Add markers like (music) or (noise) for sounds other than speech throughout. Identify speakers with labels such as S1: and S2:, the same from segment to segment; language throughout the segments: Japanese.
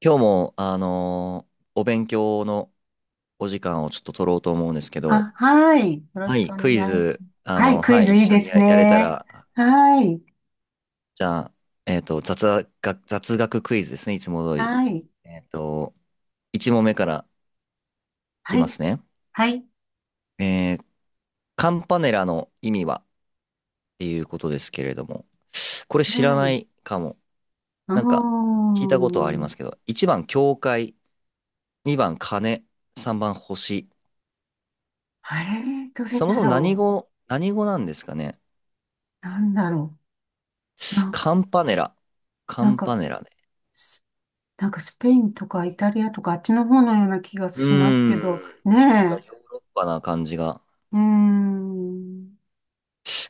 S1: 今日も、お勉強のお時間をちょっと取ろうと思うんですけど、
S2: あ、はい。よろ
S1: は
S2: しく
S1: い、
S2: お
S1: ク
S2: 願
S1: イ
S2: いします。
S1: ズ、
S2: はい、クイ
S1: はい、
S2: ズ
S1: 一
S2: いい
S1: 緒
S2: で
S1: に
S2: す
S1: や、やれた
S2: ね。
S1: ら、
S2: はい、
S1: じゃあ、雑学クイズですね、いつも通り。
S2: はい、
S1: えっと、1問目からい
S2: は
S1: きま
S2: い、
S1: すね。
S2: はい、
S1: えーカンパネラの意味はっていうことですけれども、これ知ら
S2: は
S1: な
S2: い。
S1: いかも。
S2: う
S1: なんか、
S2: ー
S1: 聞いたことはありま
S2: ん。
S1: すけど、1番、教会、2番、鐘、3番、星。
S2: あれ、どれ
S1: そも
S2: だ
S1: そも
S2: ろ
S1: 何語なんですかね、
S2: う。なんだろう。
S1: カンパネラ。カ
S2: なん
S1: ンパ
S2: か、
S1: ネラね。
S2: スなんかスペインとかイタリアとかあっちの方のような気が
S1: うー
S2: します
S1: ん。
S2: けど、
S1: なんか
S2: ねえ。
S1: ヨーロッパな感じが。
S2: うーん。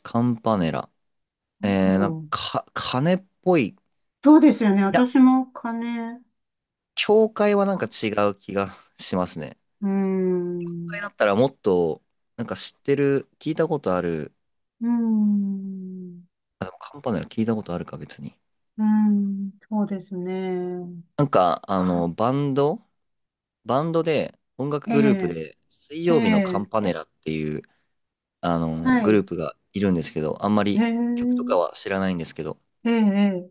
S1: カンパネラ。
S2: なんだ
S1: なん
S2: ろう。
S1: か、か、鐘っぽい。い
S2: そうですよね。
S1: や、
S2: 私も金、
S1: 教会はなん
S2: か
S1: か違う気がしますね。
S2: うー
S1: 教
S2: ん。う
S1: 会だったらもっと、なんか知ってる、聞いたことある。
S2: ーん。
S1: あ、でもカンパネラ聞いたことあるか、別に。
S2: うーん、そうですね。
S1: なんか、あ
S2: か、
S1: の、バンドで、音楽
S2: え
S1: グループ
S2: え、
S1: で、水
S2: え
S1: 曜日のカン
S2: え、
S1: パネラっていう、あの、
S2: は
S1: グルー
S2: い。
S1: プがいるんですけど、あんま
S2: え
S1: り曲とか
S2: え、
S1: は知らないんですけど、
S2: ええ、ええ、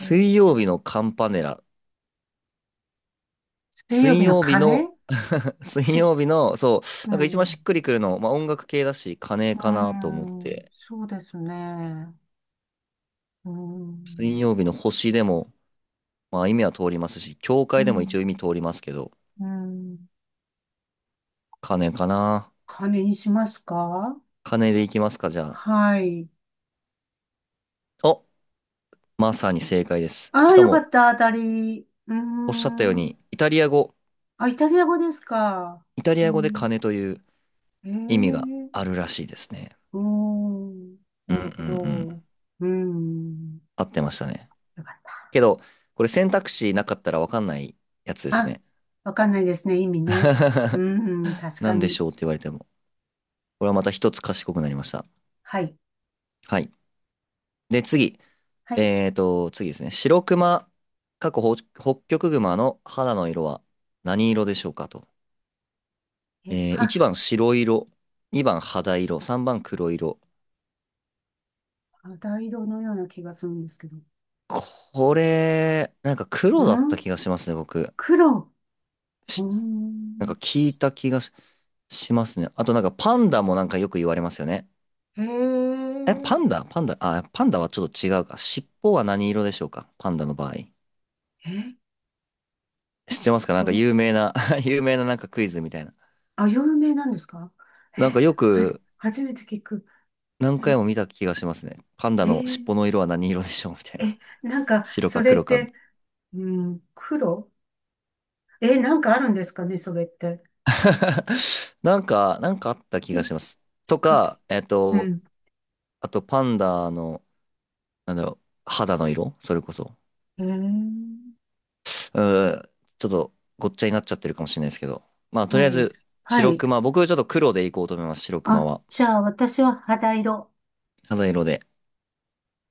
S2: うん、
S1: 曜日のカンパネラ。
S2: 水曜
S1: 水
S2: 日の
S1: 曜日
S2: 鐘。
S1: の、(laughs) 水
S2: す、
S1: 曜日の、そう、
S2: う
S1: なんか一番
S2: ん、
S1: し
S2: う
S1: っくりくるの、まあ音楽系だし、金
S2: ー
S1: かなと思っ
S2: ん、
S1: て、
S2: そうですね。うー
S1: 水
S2: ん、
S1: 曜日の星でも、まあ意味は通りますし、教
S2: う
S1: 会でも一応意
S2: ん、
S1: 味通りますけど、
S2: うん。
S1: 金かな。
S2: 鐘にしますか？
S1: 金でいきますか、じゃあ。
S2: はい。
S1: お、まさに正解です。
S2: あ
S1: し
S2: あ、
S1: か
S2: よか
S1: も、
S2: った、当たり。うー
S1: おっしゃったよう
S2: ん。
S1: に、
S2: あ、イタリア語ですか？
S1: イタリ
S2: う
S1: ア語で
S2: ん、
S1: 金という
S2: え
S1: 意味があ
S2: え、
S1: るらしいですね。
S2: うーん。
S1: うん
S2: な
S1: う
S2: るほ
S1: んうん。
S2: ど。うーん。
S1: 合ってましたね。
S2: よかった。
S1: けど、これ選択肢なかったらわかんないやつです
S2: あ、
S1: ね。
S2: わかんないですね。意味ね。う
S1: (laughs)
S2: ーん。確
S1: な
S2: か
S1: んでし
S2: に。
S1: ょうって言われても。これはまた一つ賢くなりました。
S2: はい。
S1: はい。で、次。
S2: はい。
S1: 次ですね。白熊、過去北極熊の肌の色は何色でしょうかと。
S2: え、は、
S1: 1番白色、2番肌色、3番黒色。
S2: 肌色のような気がするんですけど。
S1: これ、なんか
S2: う
S1: 黒だった
S2: ん、
S1: 気がしますね、僕。
S2: 黒。う
S1: し
S2: ー
S1: なんか
S2: ん。
S1: 聞いた気がし、しますね。あとなんかパンダもなんかよく言われますよね。
S2: へ
S1: え、
S2: え。
S1: パンダパンダあ、パンダはちょっと違うか。尻尾は何色でしょうか、パンダの場合。
S2: え、
S1: 知って
S2: 尻
S1: ますか、なんか
S2: 尾。
S1: 有名な。 (laughs) 有名ななんかクイズみたいな。
S2: あ、有名なんですか？
S1: なん
S2: え、
S1: かよ
S2: はじ、
S1: く
S2: 初めて聞く。
S1: 何
S2: え、
S1: 回も見た気がしますね。パンダ
S2: え
S1: の尻尾
S2: ー
S1: の色は何色でしょうみたいな。
S2: え、なん
S1: (laughs)
S2: か、
S1: 白
S2: そ
S1: か
S2: れっ
S1: 黒かみた
S2: て、
S1: い
S2: うん、黒、なんかあるんですかね、それって。
S1: な。(laughs) なんかあった気
S2: い
S1: が
S2: っ
S1: します。と
S2: かけ。
S1: か、えっ
S2: う
S1: と、
S2: ん。
S1: あとパンダの、なんだろう、肌の色それこそ。
S2: へえ。
S1: うーちょっとごっちゃになっちゃってるかもしれないですけど。まあ、と
S2: は
S1: りあえ
S2: い。
S1: ず、
S2: は
S1: 白
S2: い。
S1: 熊。僕ちょっと黒でいこうと思います。白熊
S2: あ、
S1: は。
S2: じゃあ私は肌色。
S1: 肌色で。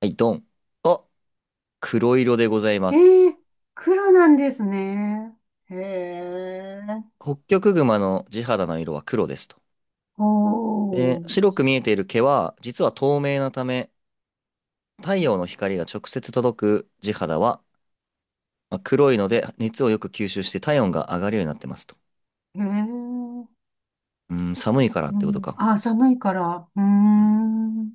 S1: はい、ドン。あ、黒色でございま
S2: え
S1: す。
S2: え、黒なんですね。へえ。
S1: ホッキョクグマの地肌の色は黒ですと。
S2: お
S1: で、
S2: ー。
S1: 白く見えている毛は実は透明なため、太陽の光が直接届く地肌は、まあ黒いので熱をよく吸収して体温が上がるようになってますと。
S2: へえ。
S1: うん、寒いからっ
S2: う
S1: てこと
S2: ん。
S1: か。
S2: あ、寒いから。うー
S1: うん、
S2: ん。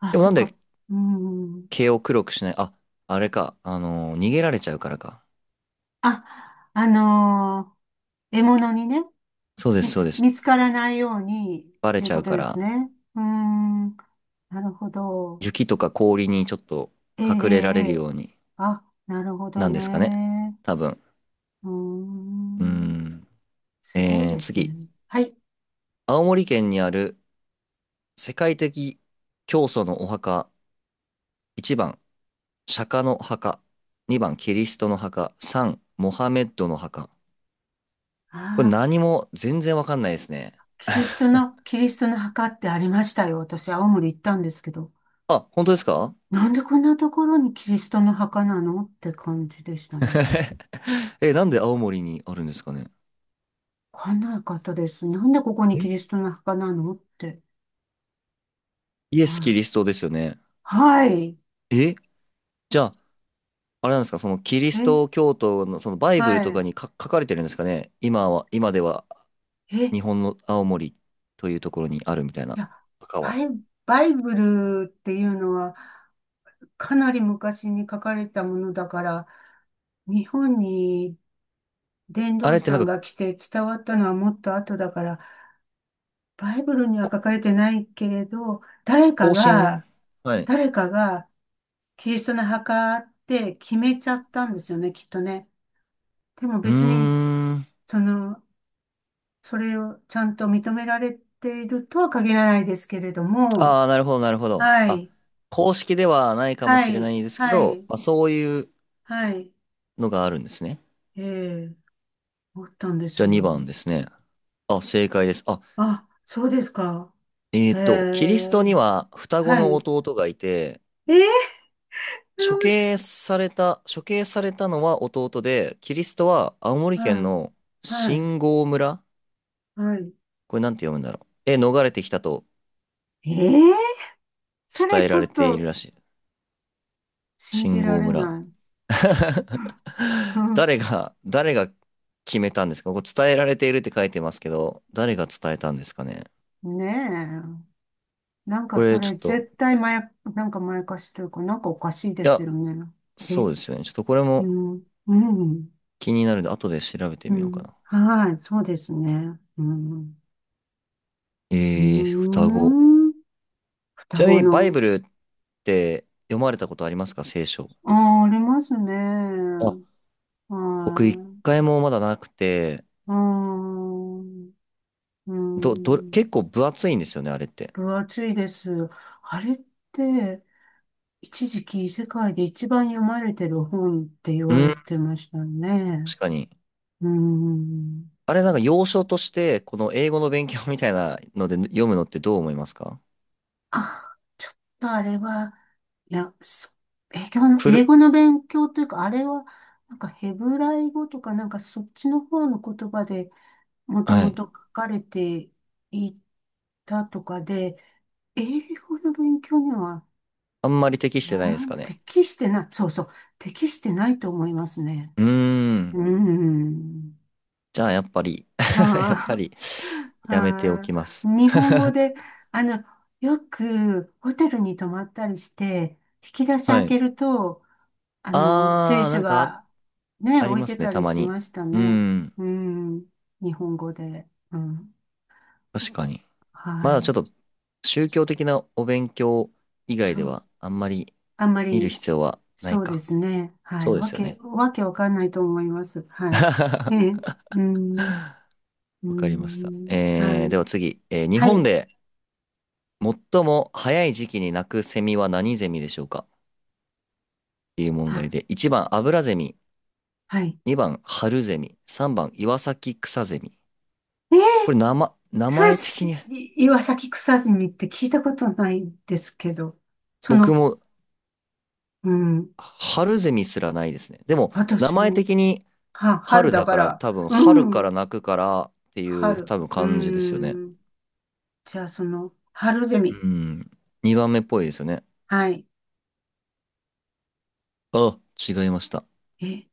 S2: あ、
S1: でも
S2: そ
S1: な
S2: っ
S1: ん
S2: か。
S1: で
S2: うーん。
S1: 毛を黒くしない、あ、あれか。逃げられちゃうからか。
S2: あ、あのー獲物にね、
S1: そうです、そうです。
S2: 見つからないように
S1: バ
S2: っ
S1: レ
S2: ていう
S1: ちゃ
S2: こ
S1: う
S2: と
S1: か
S2: です
S1: ら、
S2: ね。うーん。なるほど。
S1: 雪とか氷にちょっと
S2: ええ、え
S1: 隠れられ
S2: え、え
S1: る
S2: え、
S1: ように
S2: あ、なるほど
S1: なんですかね。
S2: ね。
S1: 多分。
S2: うー
S1: うー
S2: ん、
S1: ん。
S2: すごい
S1: えー、
S2: です
S1: 次。
S2: ね。はい。
S1: 青森県にある世界的教祖のお墓、1番、釈迦の墓、2番、キリストの墓、3、モハメッドの墓。これ
S2: ああ、
S1: 何も全然わかんないですね。
S2: キリストの墓ってありましたよ。私、青森行ったんですけど。
S1: あ、本当ですか？
S2: なんでこんなところにキリストの墓なのって感じでしたね。
S1: (laughs) え、なんで青森にあるんですかね。
S2: わかんなかったです。なんでここにキリ
S1: え、
S2: ストの墓なのって。
S1: イエス・
S2: はい。
S1: キリストですよね。
S2: はい。
S1: え、じゃあ、あれなんですか、そのキリ
S2: え、
S1: スト教徒のそのバイブル
S2: は
S1: と
S2: い。
S1: かにか書かれてるんですかね。今では
S2: え、い
S1: 日本の青森というところにあるみたいな、
S2: や、
S1: 墓
S2: バ
S1: は。
S2: イ、バイブルっていうのは、かなり昔に書かれたものだから、日本に伝
S1: あ
S2: 道
S1: れっ
S2: 師
S1: て
S2: さ
S1: なん
S2: ん
S1: か、
S2: が来て伝わったのはもっと後だから、バイブルには
S1: こ、
S2: 書かれてないけれど、誰か
S1: 更新、
S2: が、
S1: はい。
S2: 誰かがキリストの墓って決めちゃったんですよね、きっとね。でも
S1: うー
S2: 別に、
S1: ん。
S2: その、それをちゃんと認められているとは限らないですけれども、
S1: ああ、なるほど、なるほど。
S2: は
S1: あ、
S2: い、
S1: 公式ではないかも
S2: は
S1: しれな
S2: い、
S1: いですけ
S2: は
S1: ど、
S2: い、
S1: まあ、そういう
S2: はい、
S1: のがあるんですね。
S2: ええ、思ったんで
S1: じゃ
S2: す
S1: あ2番
S2: よ。
S1: ですね。あ、正解です。あ、
S2: あ、そうですか。
S1: え
S2: へ
S1: っと、キリストに
S2: え、
S1: は双子
S2: は
S1: の
S2: い。
S1: 弟がいて、
S2: えー、おし、
S1: 処刑されたのは弟で、キリストは青森
S2: は
S1: 県
S2: い、
S1: の
S2: はい、
S1: 新郷村、
S2: はい。
S1: これなんて読むんだろう。え、逃れてきたと
S2: えー、それ
S1: 伝え
S2: ちょ
S1: られ
S2: っ
S1: ている
S2: と
S1: らしい。
S2: 信じ
S1: 新
S2: ら
S1: 郷
S2: れ
S1: 村。
S2: ない。
S1: (laughs)
S2: (laughs)
S1: 誰が決めたんですか、ここ伝えられているって書いてますけど、誰が伝えたんですかね。
S2: うん、ねえ。なんか
S1: こ
S2: そ
S1: れちょ
S2: れ
S1: っと、
S2: 絶対なんかまやかしというか、なんかおかしいで
S1: い
S2: す
S1: や、
S2: よね。え、
S1: そうですよね。ちょっとこれ
S2: う
S1: も
S2: ん、うん、
S1: 気になるんで、後で調べて
S2: う
S1: みようか
S2: ん。
S1: な。
S2: はい、そうですね。うん、うー
S1: えー、双子。
S2: ん。
S1: ち
S2: 双
S1: なみ
S2: 子
S1: にバイ
S2: の、
S1: ブルって読まれたことありますか、聖書。
S2: ああ、ありますね。
S1: あ、僕一
S2: はい、
S1: 回もまだなくて、
S2: うん、うん。
S1: 結構分厚いんですよね、あれって。
S2: 分厚いです。あれって、一時期世界で一番読まれてる本って言
S1: う
S2: わ
S1: ん、
S2: れてましたね。
S1: 確かに。
S2: うーん。
S1: あれなんか要所として、この英語の勉強みたいなので読むのってどう思いますか？
S2: あ、ちょっとあれは、いや、英語の、
S1: フ
S2: 英
S1: ル、
S2: 語の勉強というか、あれは、なんかヘブライ語とか、なんかそっちの方の言葉でもと
S1: は
S2: も
S1: い。
S2: と書かれていたとかで、英語の勉強には、
S1: あんまり適してないで
S2: 学
S1: すかね。
S2: 適してない、そうそう、適してないと思いますね。
S1: うーん。
S2: うん。
S1: じゃあ、やっぱり、 (laughs)
S2: は
S1: やっぱ
S2: あ。
S1: り、
S2: (laughs)
S1: やめてお
S2: はあ。
S1: きます。
S2: 日本語で、あの、よくホテルに泊まったりして、引き出し
S1: (laughs) は
S2: 開
S1: い。
S2: けると、聖
S1: あー、な
S2: 書
S1: んかあ、
S2: がね、
S1: あり
S2: 置い
S1: ま
S2: て
S1: すね、
S2: た
S1: た
S2: り
S1: ま
S2: し
S1: に。
S2: ました
S1: うー
S2: ね。
S1: ん。
S2: うん。日本語で。うん。
S1: 確かに。
S2: は
S1: まだちょっ
S2: い。
S1: と、宗教的なお勉強以外
S2: そ
S1: で
S2: う。
S1: は、あんまり
S2: あんま
S1: 見る
S2: り、
S1: 必要はない
S2: そうで
S1: か。
S2: すね。は
S1: そ
S2: い。
S1: うで
S2: わ
S1: すよ
S2: け、
S1: ね。
S2: わけわかんないと思います。はい。
S1: (laughs)
S2: ええ。うん。う
S1: わかりました。
S2: ん。
S1: え
S2: は
S1: ー、で
S2: い。
S1: は次。えー、日
S2: は
S1: 本
S2: い。
S1: で最も早い時期に鳴くセミは何ゼミでしょうかっていう問題
S2: あ、
S1: で。一番、アブラゼミ。
S2: はい。
S1: 2番、春ゼミ。3番、岩崎草ゼミ。
S2: ねえー、
S1: これ名
S2: それ
S1: 前的
S2: す、い
S1: に、
S2: 岩崎草さみって聞いたことないんですけど、そ
S1: 僕
S2: の、
S1: も
S2: うん、
S1: 春ゼミすらないですね。でも、名
S2: 私
S1: 前
S2: も、
S1: 的に
S2: 春
S1: 春
S2: だ
S1: だ
S2: か
S1: から、
S2: ら、
S1: 多分、春
S2: う
S1: か
S2: ん、
S1: ら泣くからっていう
S2: 春、
S1: 多分
S2: う
S1: 感じですよね。
S2: ん、じゃあ春ゼ
S1: う
S2: ミ、
S1: ん。2番目っぽいですよね。
S2: はい、
S1: あ、違いました。
S2: え、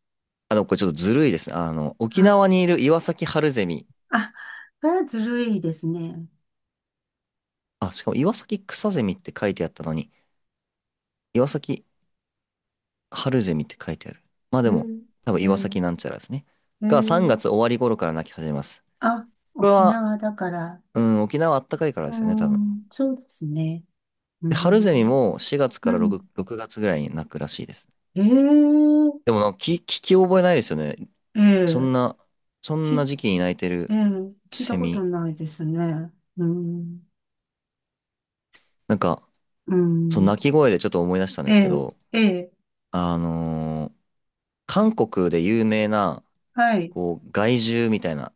S1: あの、でもこれちょっとずるいですね。あの、沖
S2: あ、
S1: 縄にいる岩崎春ゼミ。
S2: あ、それはずるいですね。
S1: あ、しかも岩崎草ゼミって書いてあったのに、岩崎春ゼミって書いてある。まあ
S2: え
S1: でも、
S2: ー、
S1: 多分
S2: え
S1: 岩
S2: ー、
S1: 崎なんちゃらですね。
S2: え
S1: が3
S2: ー、
S1: 月終わり頃から泣き始めます。
S2: あ、
S1: これ
S2: 沖
S1: は、
S2: 縄だから、
S1: うん、沖縄あったかいからで
S2: う
S1: すよね、多分。
S2: ん、そうですね。う
S1: で春ゼミ
S2: ん、
S1: も4月
S2: う
S1: から
S2: ん、
S1: 6月ぐらいに泣くらしいです。
S2: えー、
S1: でもなんか聞き覚えないですよね。
S2: え
S1: そん
S2: ー、
S1: な、そんな
S2: 聞
S1: 時期に泣いて
S2: え
S1: る
S2: え、聞いた
S1: セ
S2: こと
S1: ミ。
S2: ないですね。うん、
S1: なんか、
S2: う
S1: その
S2: ん、
S1: 鳴き声でちょっと思い出したんで
S2: え
S1: すけ
S2: え、
S1: ど、
S2: ええ、
S1: あのー韓国で有名な、
S2: はい、
S1: こう、害獣みたいな、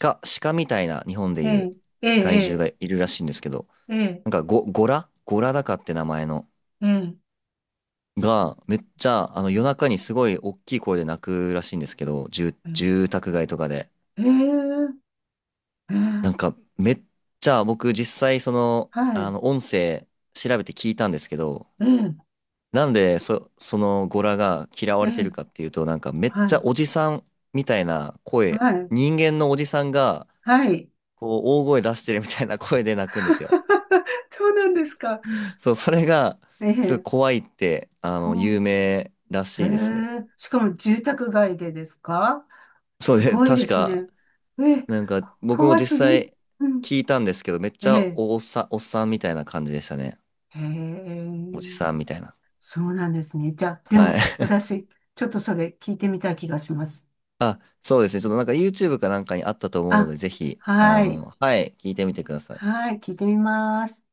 S1: 鹿みたいな日本で
S2: え
S1: いう
S2: え、え
S1: 害獣
S2: え、
S1: がいるらしいんですけど、
S2: ええ、ええ、
S1: なんか、ゴラゴラダカって名前の。
S2: ええ、
S1: が、めっちゃ、あの、夜中にすごい大きい声で泣くらしいんですけど、住宅街とかで。
S2: ええ、え
S1: なん
S2: え、
S1: か、めっちゃ、僕実際その、
S2: は
S1: あ
S2: い、
S1: の、音声調べて聞いたんですけど、
S2: ええ、
S1: なんで、そのゴラが嫌わ
S2: え
S1: れてる
S2: え、
S1: かっていうと、なんか、めっ
S2: は
S1: ちゃ
S2: い、
S1: おじさんみたいな
S2: は
S1: 声、
S2: い、
S1: 人間のおじさんが、
S2: はい。
S1: こう、大声出してるみたいな声で泣くんですよ。
S2: (laughs) そうなんですか。
S1: そう、それが、
S2: え
S1: すごい
S2: え、
S1: 怖いって、あ
S2: こ
S1: の、有
S2: ん、
S1: 名ら
S2: え
S1: しいですね。
S2: え、しかも住宅街でですか？
S1: そう
S2: す
S1: で、(laughs)
S2: ごいで
S1: 確
S2: す
S1: か、
S2: ね。ええ、
S1: なんか僕も
S2: 怖す
S1: 実
S2: ぎ。
S1: 際
S2: うん、
S1: 聞いたんですけど、めっち
S2: え
S1: ゃ
S2: え、
S1: おっさん、おっさんみたいな感じでしたね。
S2: ええ。
S1: おじさんみたいな。
S2: そうなんですね。じゃあ、で
S1: は
S2: も、
S1: い。(laughs)
S2: 私、ちょっとそれ聞いてみたい気がします。
S1: あ、そうですね。ちょっとなんか YouTube かなんかにあったと思うので、
S2: あ、
S1: ぜひ、あ
S2: はい。
S1: の、はい、聞いてみてください。
S2: はい、聞いてみます。